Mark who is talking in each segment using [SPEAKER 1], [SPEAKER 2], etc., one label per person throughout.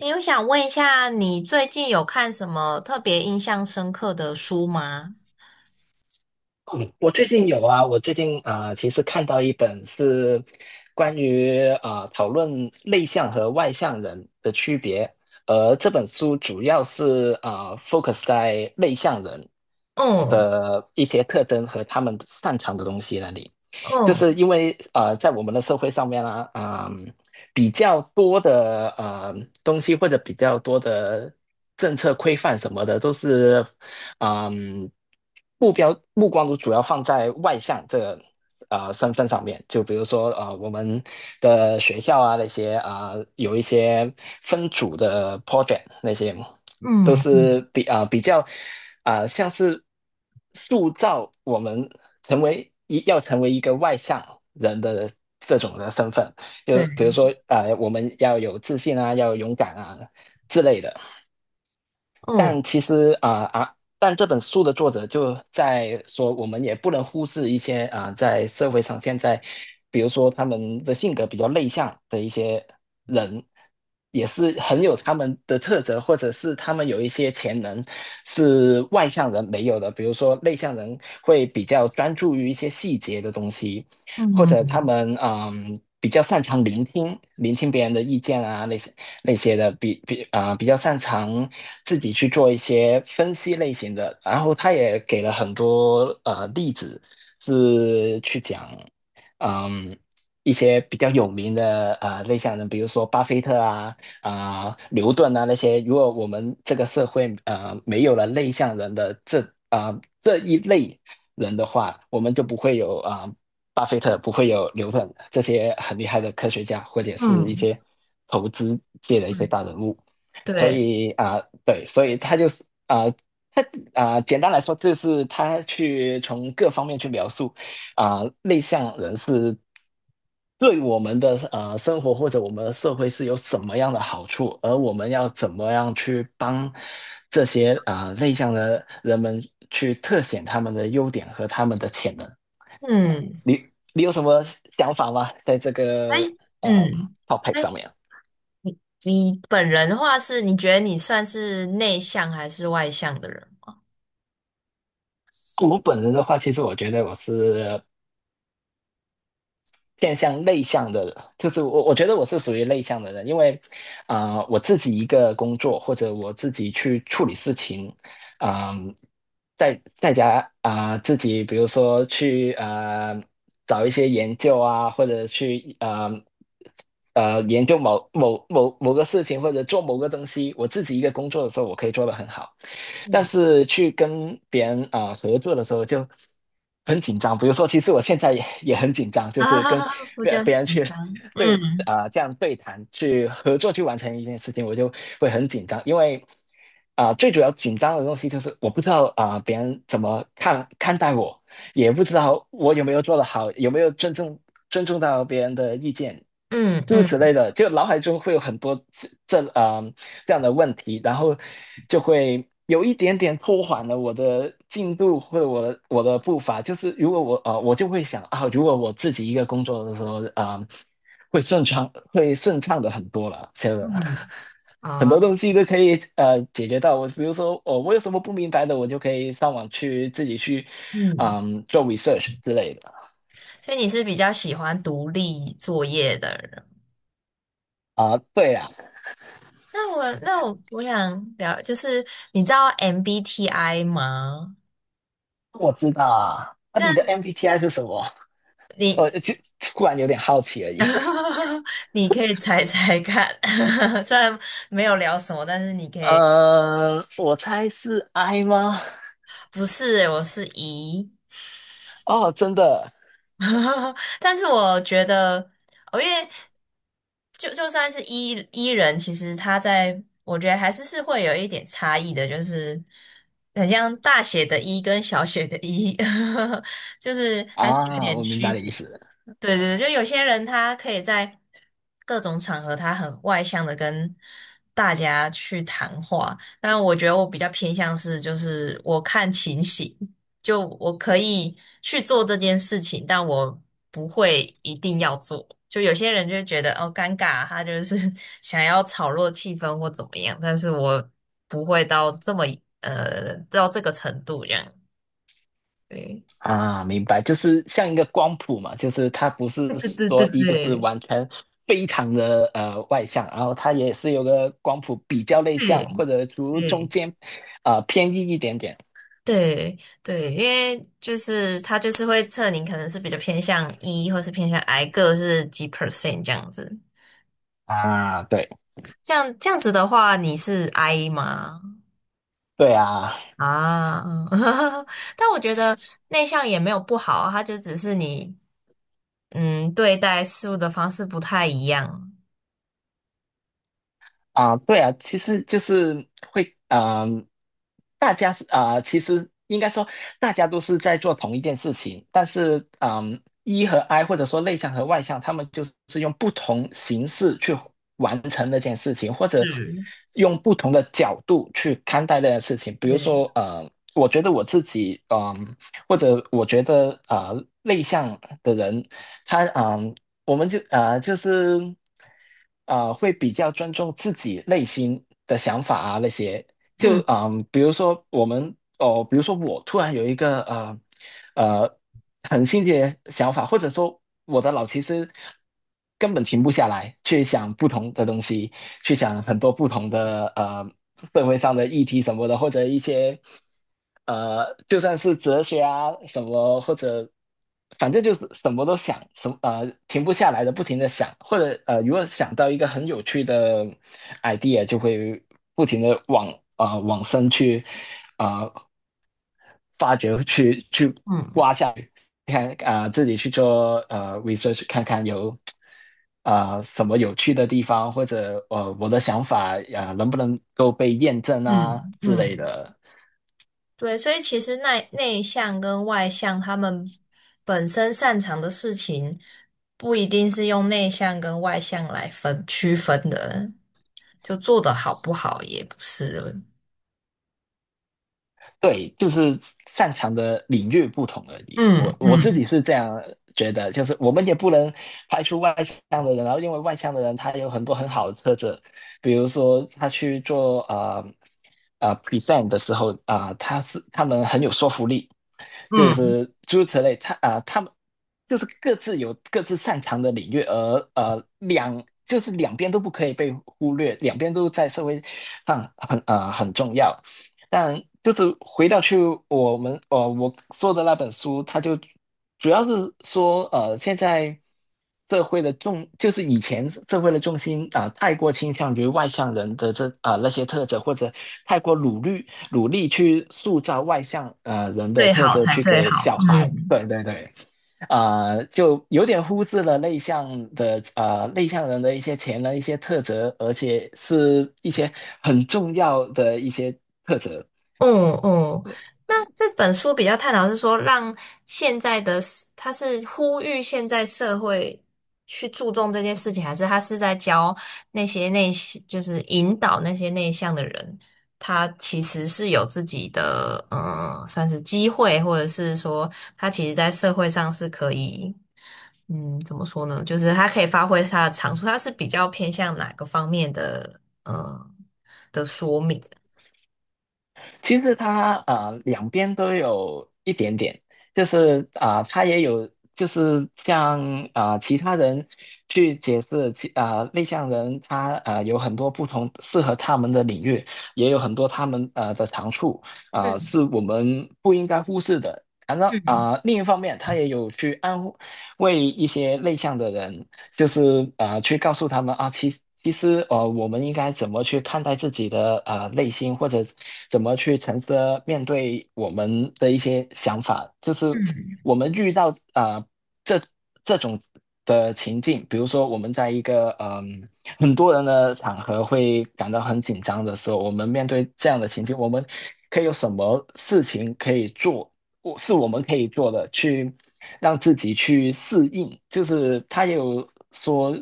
[SPEAKER 1] 诶，我想问一下，你最近有看什么特别印象深刻的书吗？
[SPEAKER 2] 嗯，我最近有啊，我最近其实看到一本是关于讨论内向和外向人的区别，而这本书主要是focus 在内向人
[SPEAKER 1] 嗯
[SPEAKER 2] 的一些特征和他们擅长的东西那里。就
[SPEAKER 1] 嗯
[SPEAKER 2] 是因为啊，在我们的社会上面呢、啊，嗯、比较多的东西，或者比较多的政策规范什么的，都是嗯，目光都主要放在外向这个身份上面，就比如说我们的学校啊那些，有一些分组的 project 那些，都
[SPEAKER 1] 嗯，嗯
[SPEAKER 2] 是比较像是塑造我们成为一个外向人的这种的身份。就比如
[SPEAKER 1] 对，
[SPEAKER 2] 说我们要有自信啊，要勇敢啊之类的。
[SPEAKER 1] 嗯
[SPEAKER 2] 但其实但这本书的作者就在说，我们也不能忽视一些在社会上，现在比如说他们的性格比较内向的一些人，也是很有他们的特质，或者是他们有一些潜能是外向人没有的。比如说内向人会比较专注于一些细节的东西，或者他
[SPEAKER 1] 嗯
[SPEAKER 2] 们比较擅长聆听，聆听别人的意见啊，那些。那些的比比啊、比较擅长自己去做一些分析类型的。然后他也给了很多例子，是去讲嗯一些比较有名的内向人，比如说巴菲特啊、牛顿啊那些。如果我们这个社会没有了内向人的这一类人的话，我们就不会有巴菲特，不会有牛顿这些很厉害的科学家，或者是一
[SPEAKER 1] 嗯，
[SPEAKER 2] 些投资界的一些
[SPEAKER 1] 嗯，
[SPEAKER 2] 大人物。所
[SPEAKER 1] 对，
[SPEAKER 2] 以对，所以他就是他简单来说，就是他去从各方面去描述内向人是对我们的生活或者我们的社会是有什么样的好处，而我们要怎么样去帮这些内向的人们去特显他们的优点和他们的潜能。
[SPEAKER 1] 嗯，
[SPEAKER 2] 你你有什么想法吗？在这
[SPEAKER 1] 哎，
[SPEAKER 2] 个呃
[SPEAKER 1] 嗯，
[SPEAKER 2] topic
[SPEAKER 1] 哎，
[SPEAKER 2] 上面。
[SPEAKER 1] 你本人的话是，你觉得你算是内向还是外向的人？
[SPEAKER 2] 我本人的话，其实我觉得我是偏向内向的人。就是我觉得我是属于内向的人，因为我自己一个工作，或者我自己去处理事情，嗯，在家自己比如说去找一些研究啊，或者去研究某个事情，或者做某个东西，我自己一个工作的时候，我可以做得很好。但
[SPEAKER 1] 嗯
[SPEAKER 2] 是去跟别人合作的时候就很紧张。比如说，其实我现在也很紧张，就是跟
[SPEAKER 1] 啊，不这样
[SPEAKER 2] 别人
[SPEAKER 1] 紧
[SPEAKER 2] 去
[SPEAKER 1] 张。
[SPEAKER 2] 对
[SPEAKER 1] 嗯
[SPEAKER 2] 这样对谈去合作去完成一件事情，我就会很紧张。因为最主要紧张的东西就是我不知道别人怎么看待我，也不知道我有没有做得好，有没有尊重到别人的意见，
[SPEAKER 1] 嗯
[SPEAKER 2] 诸如此
[SPEAKER 1] 嗯
[SPEAKER 2] 类的。就脑海中会有很多这样的问题，然后就会有一点点拖缓了我的进度或者我的步伐。就是如果我啊，我就会想啊，如果我自己一个工作的时候，会顺畅，会顺畅的很多了。真的，
[SPEAKER 1] 嗯
[SPEAKER 2] 很
[SPEAKER 1] 啊，
[SPEAKER 2] 多东西都可以解决到。我比如说，哦，我有什么不明白的，我就可以上网去自己去，
[SPEAKER 1] 嗯，
[SPEAKER 2] 嗯，做 research 之类的。
[SPEAKER 1] 所以你是比较喜欢独立作业的人。
[SPEAKER 2] 对啊，
[SPEAKER 1] 那我想聊，就是你知道 MBTI 吗？
[SPEAKER 2] 我知道啊。那、你的
[SPEAKER 1] 但
[SPEAKER 2] MBTI 是什么？
[SPEAKER 1] 你
[SPEAKER 2] 我突然有点好奇而已。
[SPEAKER 1] 你可以猜猜看，虽然没有聊什么，但是你可以，
[SPEAKER 2] 嗯、我猜是 I 吗？
[SPEAKER 1] 不是欸我是 E，
[SPEAKER 2] 哦，真的
[SPEAKER 1] 但是我觉得，哦，因为就算是 E 人，其实他在我觉得还是会有一点差异的，就是很像大写的 E 跟小写的 E，就是还是有
[SPEAKER 2] 啊，
[SPEAKER 1] 点
[SPEAKER 2] 我明
[SPEAKER 1] 区
[SPEAKER 2] 白你的意
[SPEAKER 1] 别。
[SPEAKER 2] 思。
[SPEAKER 1] 对，就有些人他可以在各种场合，他很外向的跟大家去谈话，但我觉得我比较偏向是，就是我看情形，就我可以去做这件事情，但我不会一定要做。就有些人就会觉得哦尴尬啊，他就是 想要炒热气氛或怎么样，但是我不会到这么到这个程度这样。对，
[SPEAKER 2] 啊，明白，就是像一个光谱嘛，就是他不是
[SPEAKER 1] 对对对对
[SPEAKER 2] 说就是
[SPEAKER 1] 对
[SPEAKER 2] 完全非常的外向，然后他也是有个光谱比较内向，
[SPEAKER 1] 对。
[SPEAKER 2] 或者除中
[SPEAKER 1] 对
[SPEAKER 2] 间偏硬一点点
[SPEAKER 1] 对对，因为就是他就是会测你可能是比较偏向 E 或是偏向 I 个是几 percent 这样子。
[SPEAKER 2] 啊，对
[SPEAKER 1] 这样子的话，你是 I 吗？
[SPEAKER 2] 对啊。
[SPEAKER 1] 啊，但我觉得内向也没有不好啊，它就只是你嗯对待事物的方式不太一样。
[SPEAKER 2] 啊，对啊，其实就是会，嗯、大家是其实应该说大家都是在做同一件事情。但是，e 和 I， 或者说内向和外向，他们就是用不同形式去完成那件事情，或者
[SPEAKER 1] 嗯，
[SPEAKER 2] 用不同的角度去看待那件事情。比如
[SPEAKER 1] 对，
[SPEAKER 2] 说，呃，我觉得我自己，或者我觉得，呃，内向的人，他，我们就会比较尊重自己内心的想法啊那些。
[SPEAKER 1] 嗯
[SPEAKER 2] 比如说我们哦，比如说我突然有一个呃很新奇的想法，或者说我的脑其实根本停不下来，去想不同的东西，去想很多不同的社会上的议题什么的，或者一些。呃，就算是哲学啊什么，或者反正就是什么都想，什么停不下来的，不停的想。或者如果想到一个很有趣的 idea，就会不停的往往深去啊、呃发掘，去
[SPEAKER 1] 嗯
[SPEAKER 2] 刮下去，看自己去做research，看看有什么有趣的地方，或者我的想法能不能够被验证啊
[SPEAKER 1] 嗯
[SPEAKER 2] 之类
[SPEAKER 1] 嗯，
[SPEAKER 2] 的。
[SPEAKER 1] 对，所以其实内向跟外向，他们本身擅长的事情，不一定是用内向跟外向来分区分的，就做得好不好也不是。
[SPEAKER 2] 对，就是擅长的领域不同而已。
[SPEAKER 1] 嗯
[SPEAKER 2] 我自
[SPEAKER 1] 嗯
[SPEAKER 2] 己是这样觉得，就是我们也不能排除外向的人。然后因为外向的人他有很多很好的特质，比如说他去做present 的时候他们很有说服力，就
[SPEAKER 1] 嗯，
[SPEAKER 2] 是诸如此类。他他们就是各自有各自擅长的领域。而就是两边都不可以被忽略，两边都在社会上很很重要。但就是回到去我说的那本书，它就主要是说现在社会的重就是以前社会的重心太过倾向于外向人的那些特质，或者太过努力努力去塑造外向人的
[SPEAKER 1] 最
[SPEAKER 2] 特
[SPEAKER 1] 好
[SPEAKER 2] 质
[SPEAKER 1] 才
[SPEAKER 2] 去
[SPEAKER 1] 最
[SPEAKER 2] 给
[SPEAKER 1] 好。
[SPEAKER 2] 小孩，
[SPEAKER 1] 嗯。
[SPEAKER 2] 对对对。就有点忽视了内向人的一些潜能、一些特质，而且是一些很重要的一些特质。
[SPEAKER 1] 嗯嗯，那这本书比较探讨是说，让现在的他是呼吁现在社会去注重这件事情，还是他是在教那些内向就是引导那些内向的人，他其实是有自己的，嗯，算是机会，或者是说他其实在社会上是可以，嗯，怎么说呢？就是他可以发挥他的长处，他是比较偏向哪个方面的，的说明？
[SPEAKER 2] 其实他啊，两边都有一点点。就是他也有就是像其他人去解释内向人他啊有很多不同适合他们的领域，也有很多他们的长处是
[SPEAKER 1] 嗯
[SPEAKER 2] 我们不应该忽视的。反正
[SPEAKER 1] 嗯
[SPEAKER 2] 另一方面，他也有去安慰一些内向的人。就是啊，去告诉他们啊，其实呃，我们应该怎么去看待自己的内心，或者怎么去诚实的面对我们的一些想法。就是
[SPEAKER 1] 嗯。
[SPEAKER 2] 我们遇到这这种的情境。比如说我们在一个很多人的场合会感到很紧张的时候，我们面对这样的情境，我们可以有什么事情可以做？我们可以做的，去让自己去适应。就是他也有说，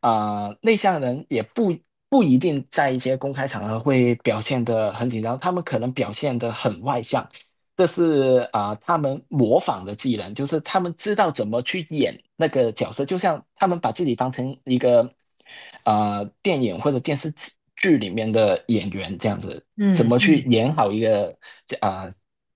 [SPEAKER 2] 内向人也不一定在一些公开场合会表现得很紧张，他们可能表现得很外向。这是他们模仿的技能，就是他们知道怎么去演那个角色，就像他们把自己当成一个电影或者电视剧里面的演员这样子。怎
[SPEAKER 1] 嗯
[SPEAKER 2] 么去
[SPEAKER 1] 嗯
[SPEAKER 2] 演好一个啊、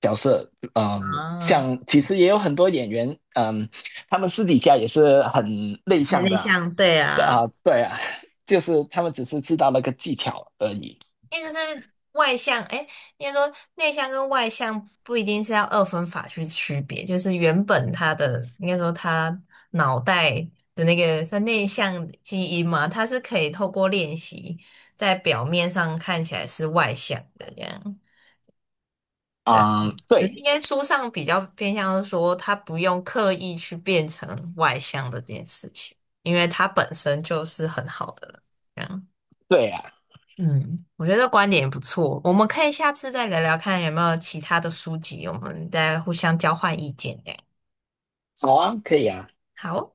[SPEAKER 2] 角色。嗯，
[SPEAKER 1] 啊，
[SPEAKER 2] 像其实也有很多演员，嗯，他们私底下也是很内
[SPEAKER 1] 对
[SPEAKER 2] 向
[SPEAKER 1] 内
[SPEAKER 2] 的啊。
[SPEAKER 1] 向对
[SPEAKER 2] 对
[SPEAKER 1] 啊，
[SPEAKER 2] 啊，对啊 就是他们只是知道那个技巧而已。
[SPEAKER 1] 因为就是外向，哎，应该说内向跟外向不一定是要二分法去区别，就是原本他的应该说他脑袋的那个算内向基因嘛，他是可以透过练习在表面上看起来是外向的这样。对，
[SPEAKER 2] 啊，
[SPEAKER 1] 只是
[SPEAKER 2] 对，
[SPEAKER 1] 应该书上比较偏向是说，他不用刻意去变成外向的这件事情，因为他本身就是很好的了。
[SPEAKER 2] 对啊，
[SPEAKER 1] 嗯，我觉得观点也不错，我们可以下次再聊聊看有没有其他的书籍，我们再互相交换意见。哎，
[SPEAKER 2] 好啊，可以啊。
[SPEAKER 1] 好哦。